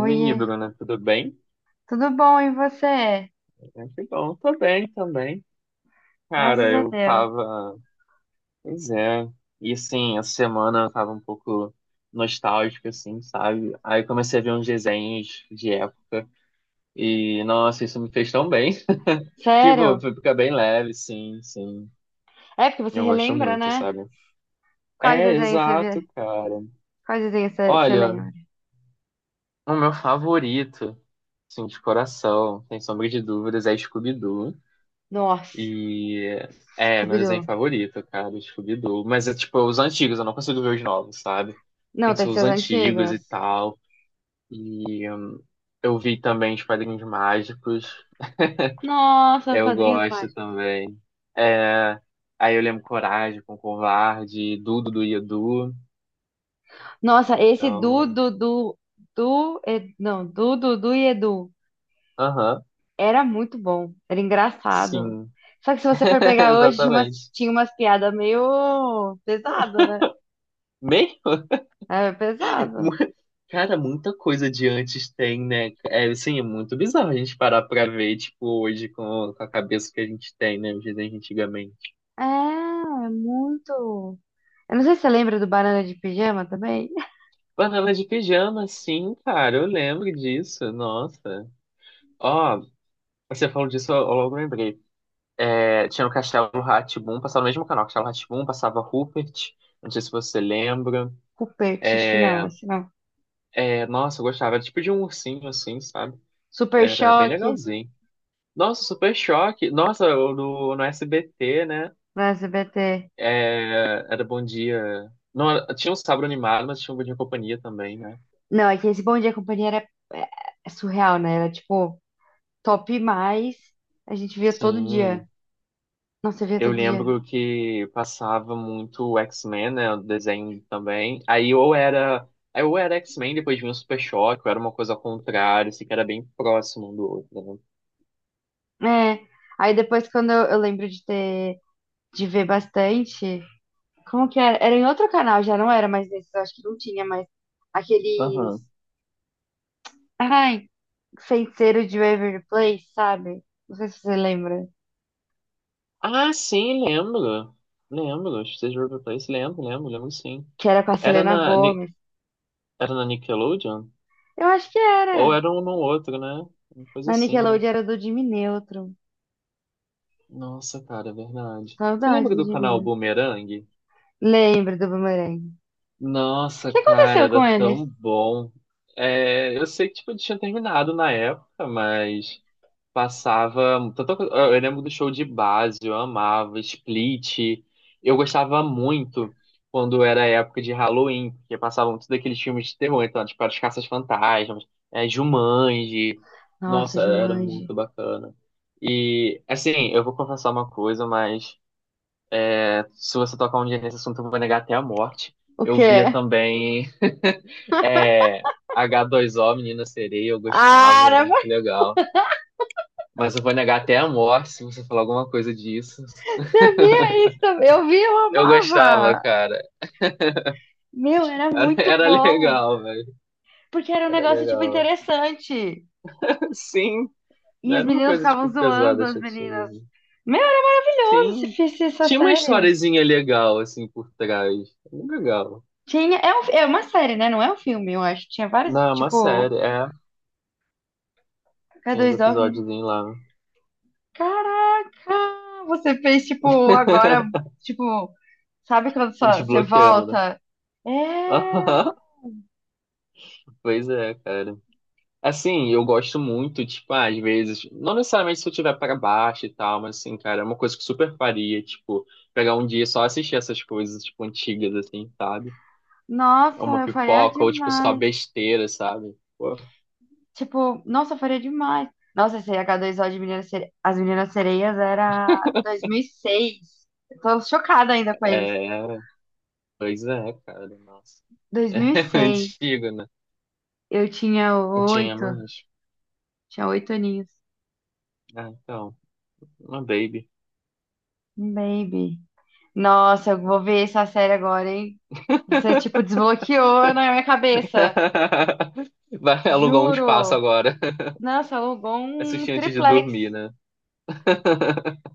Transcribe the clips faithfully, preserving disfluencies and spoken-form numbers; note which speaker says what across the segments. Speaker 1: Oiê,
Speaker 2: né? Tudo bem?
Speaker 1: tudo bom e você?
Speaker 2: Ah, que bom, tô bem também.
Speaker 1: Graças
Speaker 2: Cara,
Speaker 1: a
Speaker 2: eu
Speaker 1: Deus.
Speaker 2: tava. Pois é. E assim, essa semana eu tava um pouco nostálgico, assim, sabe? Aí eu comecei a ver uns desenhos de época. E, nossa, isso me fez tão bem. Tipo,
Speaker 1: Sério?
Speaker 2: fica bem leve, sim, sim.
Speaker 1: É porque você
Speaker 2: Eu gosto
Speaker 1: relembra,
Speaker 2: muito,
Speaker 1: né?
Speaker 2: sabe?
Speaker 1: Quais
Speaker 2: É,
Speaker 1: desenhos você
Speaker 2: exato,
Speaker 1: vê?
Speaker 2: cara.
Speaker 1: Quais desenhos você, você
Speaker 2: Olha,
Speaker 1: lembra?
Speaker 2: o meu favorito, assim, de coração, sem sombra de dúvidas, é Scooby-Doo.
Speaker 1: Nossa,
Speaker 2: E é, meu desenho
Speaker 1: Scooby-Doo.
Speaker 2: favorito, cara, do Scooby-Doo. Mas é tipo é os antigos, eu não consigo ver os novos, sabe? Tem
Speaker 1: Não,
Speaker 2: que
Speaker 1: tem
Speaker 2: ser
Speaker 1: que ser
Speaker 2: os
Speaker 1: os
Speaker 2: antigos
Speaker 1: antigos.
Speaker 2: e tal. E hum, eu vi também os Padrinhos Mágicos.
Speaker 1: Nossa,
Speaker 2: Eu
Speaker 1: Padrinhos
Speaker 2: gosto
Speaker 1: Mágicos.
Speaker 2: também. É, aí eu lembro Coragem com Covarde, Dudu do Edu.
Speaker 1: Nossa, esse Du,
Speaker 2: Então,
Speaker 1: Dudu, Du, Ed- não, Du, Dudu e Edu.
Speaker 2: aham,
Speaker 1: Era muito bom, era engraçado.
Speaker 2: sim,
Speaker 1: Só que se você for pegar hoje, tinha umas,
Speaker 2: exatamente.
Speaker 1: tinha umas piadas meio pesado, né?
Speaker 2: Meio?
Speaker 1: É
Speaker 2: Mu-
Speaker 1: pesado.
Speaker 2: Cara, muita coisa de antes tem, né? É, assim, é muito bizarro a gente parar pra ver, tipo, hoje com, com a cabeça que a gente tem, né? Hoje, né, antigamente.
Speaker 1: É, é muito. Eu não sei se você lembra do Banana de Pijama também.
Speaker 2: Panela de pijama, sim, cara, eu lembro disso, nossa. Ó, você falou disso, eu eu logo lembrei. É, tinha o Castelo rá, passava no mesmo canal, Castelo rá, passava Rupert, não sei se você lembra.
Speaker 1: Rupert, acho que não, esse não.
Speaker 2: É, nossa, eu gostava, era tipo de um ursinho, assim, sabe?
Speaker 1: Super
Speaker 2: Era bem
Speaker 1: Choque
Speaker 2: legalzinho. Nossa, Super Choque. Nossa, o do, no S B T, né?
Speaker 1: no S B T.
Speaker 2: É, era Bom Dia. Não, era- Tinha o Sábado Animado, mas tinha o Bom Dia e Companhia também, né?
Speaker 1: Não, é que esse Bom Dia Companhia era é, é surreal, né? Era tipo top mais. A gente via todo
Speaker 2: Sim,
Speaker 1: dia. Nossa, eu via
Speaker 2: eu
Speaker 1: todo dia.
Speaker 2: lembro que passava muito o X-Men, né? O desenho também. Aí ou era, aí ou era X-Men, depois vinha o Super Choque, ou era uma coisa ao contrário, assim, que era bem próximo um do outro, né?
Speaker 1: É. Aí depois, quando eu, eu lembro de ter, de ver bastante. Como que era? Era em outro canal, já não era mais nesse, eu acho que não tinha mais aqueles.
Speaker 2: Aham.
Speaker 1: Ai, Feiticeiro de Waverly Place, sabe? Não sei se você lembra.
Speaker 2: Ah, sim, lembro. Lembro. Stage Rover Place, lembro, lembro, lembro sim.
Speaker 1: Que era com a
Speaker 2: Era
Speaker 1: Selena
Speaker 2: na, Ni-
Speaker 1: Gomez.
Speaker 2: era na Nickelodeon?
Speaker 1: Eu acho que
Speaker 2: Ou
Speaker 1: era.
Speaker 2: era um no outro, né? Uma coisa
Speaker 1: Na
Speaker 2: assim, né?
Speaker 1: Nickelodeon era do Jimmy Neutron.
Speaker 2: Nossa, cara, é verdade. Você
Speaker 1: Saudade
Speaker 2: lembra
Speaker 1: do
Speaker 2: do
Speaker 1: Jimmy
Speaker 2: canal
Speaker 1: Neutron.
Speaker 2: Boomerang?
Speaker 1: Lembro do Boomerang. O
Speaker 2: Nossa,
Speaker 1: que
Speaker 2: cara,
Speaker 1: aconteceu com
Speaker 2: era
Speaker 1: eles?
Speaker 2: tão bom. É, eu sei que tipo, tinha terminado na época, mas passava. tanto- eu lembro do show de base, eu amava, Split. Eu gostava muito quando era época de Halloween, porque passavam todos aqueles filmes de terror, então, tipo, as Caças-Fantasmas, é, Jumanji.
Speaker 1: Nossa,
Speaker 2: Nossa, era
Speaker 1: Jumanji.
Speaker 2: muito bacana. E, assim, eu vou confessar uma coisa, mas. Se você tocar um dia nesse assunto, eu vou negar até a morte.
Speaker 1: O
Speaker 2: Eu via
Speaker 1: quê?
Speaker 2: também é, agá dois ó, Menina Sereia, eu
Speaker 1: Ah,
Speaker 2: gostava, era
Speaker 1: não, mas
Speaker 2: muito legal. Mas eu vou negar até a morte se você falar alguma coisa disso.
Speaker 1: você via isso também. Eu via, eu
Speaker 2: Eu gostava,
Speaker 1: amava.
Speaker 2: cara.
Speaker 1: Meu, era
Speaker 2: Era,
Speaker 1: muito
Speaker 2: era
Speaker 1: bom.
Speaker 2: legal, velho.
Speaker 1: Porque era um
Speaker 2: Era
Speaker 1: negócio, tipo,
Speaker 2: legal.
Speaker 1: interessante.
Speaker 2: Sim, não
Speaker 1: E as
Speaker 2: era uma
Speaker 1: meninas
Speaker 2: coisa,
Speaker 1: ficavam
Speaker 2: tipo,
Speaker 1: zoando
Speaker 2: pesada,
Speaker 1: as meninas.
Speaker 2: chatinha.
Speaker 1: Meu, era maravilhoso se
Speaker 2: Sim.
Speaker 1: fizesse essa
Speaker 2: Tinha uma
Speaker 1: série.
Speaker 2: historiezinha legal, assim, por trás. Era legal.
Speaker 1: Tinha, é, um- é uma série, né? Não é um filme, eu acho. Tinha vários,
Speaker 2: Não, é uma
Speaker 1: tipo,
Speaker 2: série, é.
Speaker 1: k
Speaker 2: Tinha os
Speaker 1: dois o.
Speaker 2: episódios lá,
Speaker 1: Caraca! Você fez, tipo, agora, tipo, sabe quando só- você
Speaker 2: desbloqueando, né?
Speaker 1: volta? É!
Speaker 2: Pois é, cara. Assim, eu gosto muito, tipo, ah, às vezes, não necessariamente se eu tiver para baixo e tal, mas assim, cara, é uma coisa que eu super faria, tipo, pegar um dia e só assistir essas coisas, tipo, antigas, assim, sabe? É
Speaker 1: Nossa,
Speaker 2: uma
Speaker 1: eu faria
Speaker 2: pipoca, ou tipo, só
Speaker 1: demais.
Speaker 2: besteira, sabe? Pô,
Speaker 1: Tipo, nossa, eu faria demais. Nossa, esse H dois O de Meninas Sere... As Meninas Sereias era dois mil e seis. Eu tô chocada ainda com eles.
Speaker 2: é, pois é, cara, nossa. É
Speaker 1: dois mil e seis.
Speaker 2: antigo, né?
Speaker 1: Eu tinha
Speaker 2: Não tinha
Speaker 1: oito,
Speaker 2: mais.
Speaker 1: tinha oito aninhos.
Speaker 2: Ah, então, uma baby.
Speaker 1: Um baby. Nossa, eu vou ver essa série agora, hein? Você, tipo, desbloqueou na minha cabeça.
Speaker 2: Vai alugar um espaço
Speaker 1: Juro.
Speaker 2: agora,
Speaker 1: Nossa, alugou um
Speaker 2: assistir antes de
Speaker 1: triplex.
Speaker 2: dormir, né?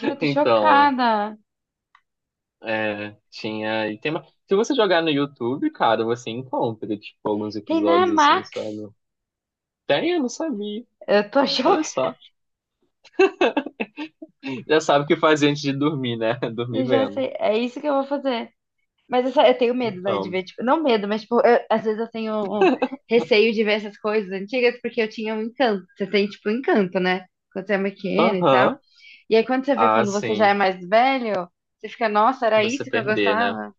Speaker 1: Meu, eu tô
Speaker 2: Então,
Speaker 1: chocada.
Speaker 2: é, tinha. E tem uma... Se você jogar no YouTube, cara, você encontra, tipo, alguns
Speaker 1: Tem na
Speaker 2: episódios assim,
Speaker 1: Max.
Speaker 2: sabe? Tem, eu não sabia.
Speaker 1: Eu tô chocada.
Speaker 2: Olha só. Já sabe o que fazer antes de dormir, né? Dormir
Speaker 1: Eu já
Speaker 2: vendo.
Speaker 1: sei. É isso que eu vou fazer. Mas eu, só- eu tenho medo, né, de
Speaker 2: Então.
Speaker 1: ver, tipo, não medo, mas, tipo, eu- às vezes eu tenho um receio de ver essas coisas antigas porque eu tinha um encanto. Você tem, tipo, um encanto, né? Quando você é pequeno e tal.
Speaker 2: Aham.
Speaker 1: E aí, quando você vê
Speaker 2: Ah,
Speaker 1: quando você já é
Speaker 2: sim.
Speaker 1: mais velho, você fica, nossa, era
Speaker 2: Você
Speaker 1: isso que eu
Speaker 2: perder, né?
Speaker 1: gostava.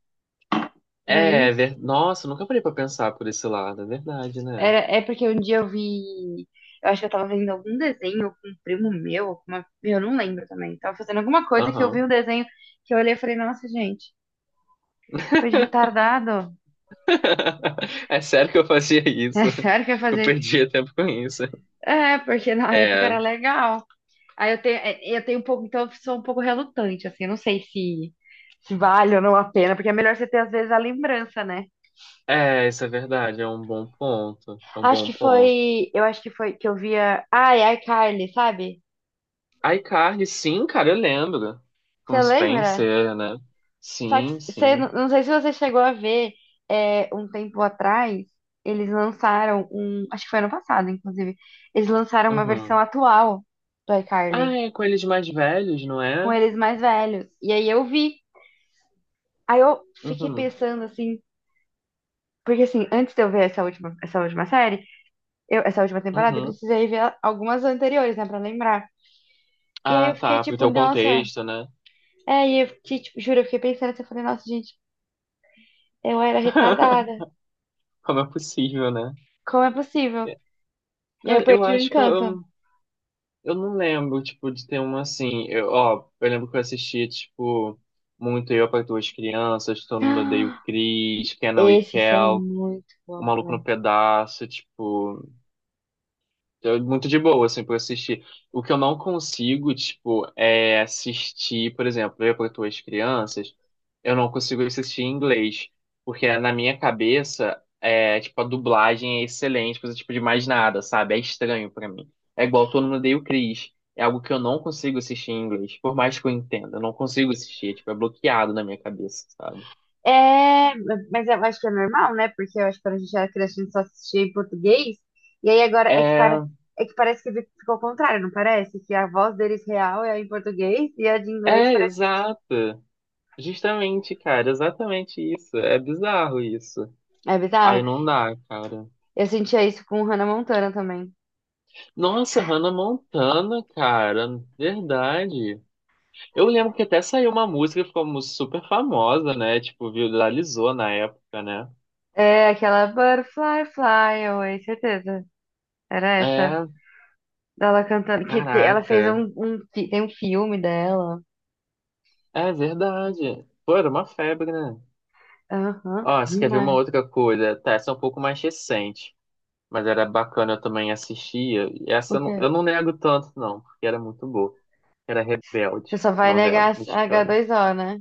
Speaker 1: Era
Speaker 2: É,
Speaker 1: isso?
Speaker 2: ver... Nossa, nunca parei pra pensar por esse lado. É verdade, né?
Speaker 1: Era, é porque um dia eu vi. Eu acho que eu tava vendo algum desenho com um primo meu, ou com uma, eu não lembro também. Tava fazendo alguma coisa que eu vi um
Speaker 2: Aham.
Speaker 1: desenho que eu olhei e falei, nossa, gente, coisa de retardado.
Speaker 2: É sério que eu fazia
Speaker 1: É
Speaker 2: isso?
Speaker 1: sério que eu ia
Speaker 2: Que eu
Speaker 1: fazer?
Speaker 2: perdia tempo com isso.
Speaker 1: É, porque na época
Speaker 2: É.
Speaker 1: era legal. Aí eu tenho, é, eu tenho um pouco, então eu sou um pouco relutante, assim, eu não sei se, se vale ou não a pena, porque é melhor você ter, às vezes, a lembrança, né?
Speaker 2: É, isso é verdade, é um bom ponto. É um
Speaker 1: Acho
Speaker 2: bom
Speaker 1: que
Speaker 2: ponto.
Speaker 1: foi. Eu acho que foi que eu via. Ai, ai, Carly, sabe?
Speaker 2: iCarly, sim, cara, eu lembro. Com
Speaker 1: Você lembra?
Speaker 2: Spencer, né?
Speaker 1: Só que
Speaker 2: Sim,
Speaker 1: você,
Speaker 2: sim.
Speaker 1: não sei se você chegou a ver, é, um tempo atrás, eles lançaram um. Acho que foi ano passado, inclusive. Eles lançaram uma versão
Speaker 2: Uhum.
Speaker 1: atual do
Speaker 2: Ah,
Speaker 1: iCarly,
Speaker 2: é com eles mais velhos, não
Speaker 1: com
Speaker 2: é?
Speaker 1: eles mais velhos. E aí eu vi. Aí eu fiquei
Speaker 2: Uhum,
Speaker 1: pensando assim. Porque assim, antes de eu ver essa última, essa última série, eu- essa última temporada, eu
Speaker 2: uhum.
Speaker 1: precisei ver algumas anteriores, né, pra lembrar. E aí eu
Speaker 2: Ah,
Speaker 1: fiquei
Speaker 2: tá, pro
Speaker 1: tipo,
Speaker 2: teu
Speaker 1: nossa.
Speaker 2: contexto, né?
Speaker 1: É, e eu fiquei, tipo, juro, eu fiquei pensando assim, eu falei, nossa, gente, eu era retardada.
Speaker 2: Como é possível, né?
Speaker 1: Como é possível?
Speaker 2: É.
Speaker 1: E aí eu
Speaker 2: Cara, eu
Speaker 1: perdi o
Speaker 2: acho que eu,
Speaker 1: encanto.
Speaker 2: eu, eu não lembro, tipo, de ter uma assim. Eu, ó, eu lembro que eu assistia, tipo, muito Eu para Duas Crianças, Todo Mundo Odeia o
Speaker 1: Ah,
Speaker 2: Chris, Kenan e
Speaker 1: esses são
Speaker 2: Kel,
Speaker 1: muito
Speaker 2: O
Speaker 1: bons
Speaker 2: Maluco no
Speaker 1: também.
Speaker 2: Pedaço, tipo. É muito de boa, assim, pra assistir. O que eu não consigo, tipo, é assistir, por exemplo, eu para tuas crianças, eu não consigo assistir em inglês, porque na minha cabeça, é, tipo, a dublagem é excelente, coisa tipo de mais nada, sabe? É estranho pra mim. É igual Todo Mundo Odeia o Chris. É algo que eu não consigo assistir em inglês, por mais que eu entenda, eu não consigo assistir, é, tipo, é bloqueado na minha cabeça, sabe?
Speaker 1: É, mas eu acho que é normal, né? Porque eu acho que quando a gente era criança, a gente só assistia em português. E aí agora é que, para,
Speaker 2: É,
Speaker 1: é que parece que ficou ao contrário, não parece? Que a voz deles real é em português e a de inglês
Speaker 2: é,
Speaker 1: parece que
Speaker 2: exato. Justamente, cara, exatamente isso. É bizarro isso.
Speaker 1: é
Speaker 2: Aí
Speaker 1: bizarro.
Speaker 2: não dá, cara.
Speaker 1: Eu sentia isso com Hannah Montana também.
Speaker 2: Nossa, Hannah Montana, cara. Verdade. Eu lembro que até saiu uma música que ficou mu- super famosa, né? Tipo, viralizou na época, né?
Speaker 1: É aquela Butterfly Fly Away, certeza. Era essa.
Speaker 2: É,
Speaker 1: Dela cantando. Que te- ela fez.
Speaker 2: caraca.
Speaker 1: um, um fi- Tem um filme dela.
Speaker 2: É verdade. Pô, era uma febre, né?
Speaker 1: Aham,
Speaker 2: Ó, você quer ver uma
Speaker 1: demais.
Speaker 2: outra coisa? Tá, essa é um pouco mais recente. Mas era bacana, eu também assistia. E essa eu
Speaker 1: Ok.
Speaker 2: não, eu não nego tanto, não, porque era muito boa. Era
Speaker 1: Você
Speaker 2: Rebelde,
Speaker 1: só vai
Speaker 2: novela
Speaker 1: negar
Speaker 2: mexicana.
Speaker 1: H dois O, né?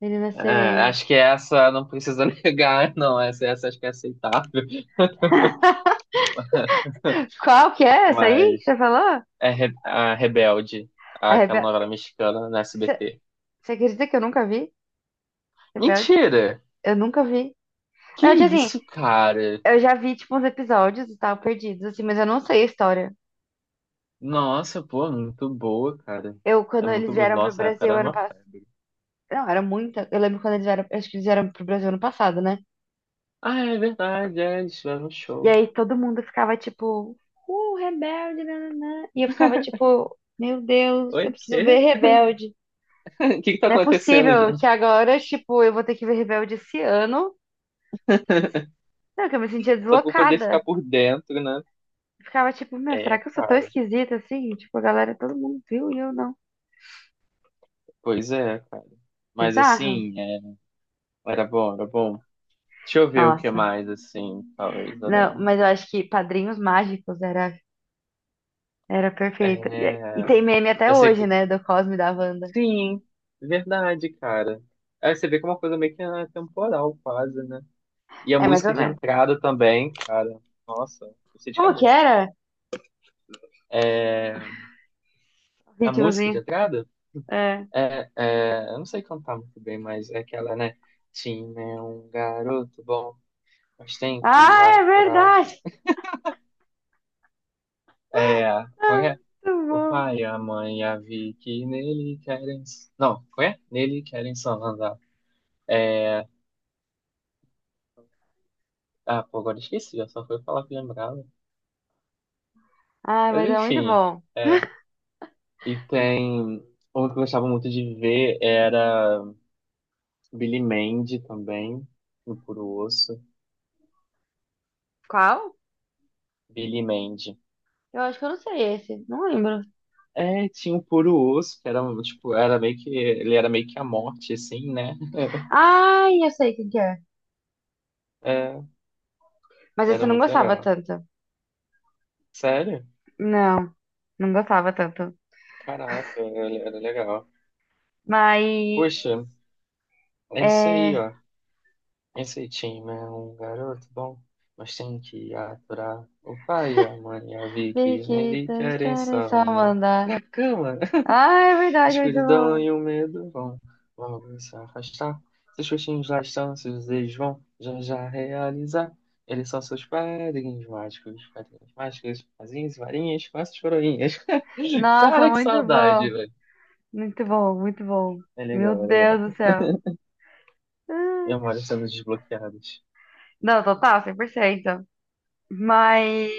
Speaker 1: Meninas
Speaker 2: É, acho
Speaker 1: sereias.
Speaker 2: que essa não precisa negar, não. Essa, essa acho que é aceitável.
Speaker 1: Qual que é essa aí que
Speaker 2: Mas
Speaker 1: você falou?
Speaker 2: é Re- a Rebelde,
Speaker 1: A
Speaker 2: aquela
Speaker 1: Rebelde.
Speaker 2: novela mexicana na
Speaker 1: Você
Speaker 2: S B T.
Speaker 1: você acredita que eu nunca vi? Rebelde?
Speaker 2: Mentira!
Speaker 1: Eu nunca vi.
Speaker 2: Que
Speaker 1: Não, tipo assim,
Speaker 2: isso, cara?
Speaker 1: eu já vi, tipo, uns episódios e tal, perdidos, assim, mas eu não sei a história.
Speaker 2: Nossa, pô, muito boa, cara.
Speaker 1: Eu,
Speaker 2: É
Speaker 1: quando eles
Speaker 2: muito boa.
Speaker 1: vieram pro
Speaker 2: Nossa, a época
Speaker 1: Brasil
Speaker 2: era
Speaker 1: ano
Speaker 2: uma
Speaker 1: passado.
Speaker 2: febre.
Speaker 1: Não, era muita. Eu lembro quando eles vieram. Acho que eles vieram pro Brasil ano passado, né?
Speaker 2: Ah, é verdade, é, eles tiveram um
Speaker 1: E
Speaker 2: show.
Speaker 1: aí todo mundo ficava tipo. Uh, Rebelde, nananã. E eu ficava tipo. Meu Deus, eu
Speaker 2: Oi,
Speaker 1: preciso ver
Speaker 2: quê?
Speaker 1: Rebelde.
Speaker 2: O que que tá
Speaker 1: Não é
Speaker 2: acontecendo,
Speaker 1: possível que
Speaker 2: gente?
Speaker 1: agora, tipo, eu vou ter que ver Rebelde esse ano. Não, que eu me sentia
Speaker 2: Só pra eu poder ficar
Speaker 1: deslocada.
Speaker 2: por dentro, né?
Speaker 1: Eu ficava tipo, meu, será
Speaker 2: É,
Speaker 1: que eu sou tão
Speaker 2: cara.
Speaker 1: esquisita assim? Tipo, a galera, todo mundo viu e eu não.
Speaker 2: Pois é, cara. Mas
Speaker 1: Bizarro.
Speaker 2: assim, é, era bom, era bom. Deixa eu ver o que
Speaker 1: Nossa.
Speaker 2: mais, assim, talvez eu
Speaker 1: Não,
Speaker 2: lembre.
Speaker 1: mas eu acho que Padrinhos Mágicos era, era perfeita. E, e
Speaker 2: É,
Speaker 1: tem meme até
Speaker 2: eu sei
Speaker 1: hoje,
Speaker 2: que.
Speaker 1: né? Do Cosme e da Wanda.
Speaker 2: Sim, verdade, cara. Aí você vê que é uma coisa meio que atemporal, quase, né? E a
Speaker 1: É mais
Speaker 2: música
Speaker 1: ou
Speaker 2: de
Speaker 1: menos.
Speaker 2: entrada também, cara. Nossa, eu sei de
Speaker 1: Como que
Speaker 2: cabeça.
Speaker 1: era? O
Speaker 2: A música de
Speaker 1: ritmozinho.
Speaker 2: entrada?
Speaker 1: É.
Speaker 2: É, é, eu não sei cantar muito bem, mas é aquela, né? Tim é um garoto bom, mas tem que
Speaker 1: Ah, é
Speaker 2: aturar.
Speaker 1: verdade!
Speaker 2: É, qual
Speaker 1: Ah,
Speaker 2: é?
Speaker 1: muito
Speaker 2: O
Speaker 1: bom.
Speaker 2: pai, a mãe, a Vi que nele querem. Não, qual é? Nele querem só andar. Ah, pô, agora esqueci, eu só fui falar que lembrava.
Speaker 1: Ah,
Speaker 2: Mas
Speaker 1: mas é muito
Speaker 2: enfim,
Speaker 1: bom.
Speaker 2: é. E tem. Um que eu gostava muito de ver era Billy Mandy também, no Puro Osso.
Speaker 1: Qual?
Speaker 2: Billy Mandy.
Speaker 1: Eu acho que eu não sei esse. Não lembro.
Speaker 2: É, tinha o Puro Osso, que era um, tipo, era meio que. Ele era meio que a morte, assim, né?
Speaker 1: Ai, eu sei quem que é.
Speaker 2: É,
Speaker 1: Mas esse
Speaker 2: era
Speaker 1: eu não
Speaker 2: muito
Speaker 1: gostava
Speaker 2: legal.
Speaker 1: tanto.
Speaker 2: Sério?
Speaker 1: Não, não gostava tanto.
Speaker 2: Caraca, era era legal.
Speaker 1: Mas
Speaker 2: Poxa, é isso aí,
Speaker 1: é.
Speaker 2: ó. Esse time é um garoto bom, mas tem que aturar o pai, a mãe, a Vicky. Nele
Speaker 1: Biquitas
Speaker 2: querem
Speaker 1: querem só
Speaker 2: só na
Speaker 1: mandar.
Speaker 2: pra cama.
Speaker 1: Ai, é verdade, muito
Speaker 2: Escuridão
Speaker 1: bom.
Speaker 2: e o medo vão logo se afastar. Seus rostinhos lá estão, seus desejos vão já já realizar. Eles são seus padrinhos mágicos, padrinhos mágicos, fazinhos, varinhas, faças coroinhas.
Speaker 1: Nossa,
Speaker 2: Cara, que
Speaker 1: muito
Speaker 2: saudade,
Speaker 1: bom.
Speaker 2: velho.
Speaker 1: Muito bom, muito bom.
Speaker 2: É
Speaker 1: Meu
Speaker 2: legal, é
Speaker 1: Deus
Speaker 2: legal.
Speaker 1: do céu. Ai.
Speaker 2: Memórias sendo desbloqueadas.
Speaker 1: Não, total, cem por cento. Mas.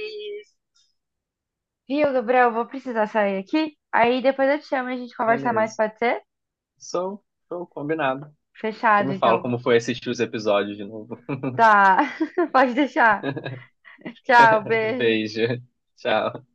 Speaker 1: Viu, Gabriel? Eu vou precisar sair aqui. Aí depois eu te chamo e a gente conversa mais,
Speaker 2: Beleza.
Speaker 1: pode ser?
Speaker 2: Sou, sou combinado. Você
Speaker 1: Fechado,
Speaker 2: me fala
Speaker 1: então.
Speaker 2: como foi assistir os episódios de novo.
Speaker 1: Tá, pode deixar. Tchau, beijo.
Speaker 2: Beijo. Tchau.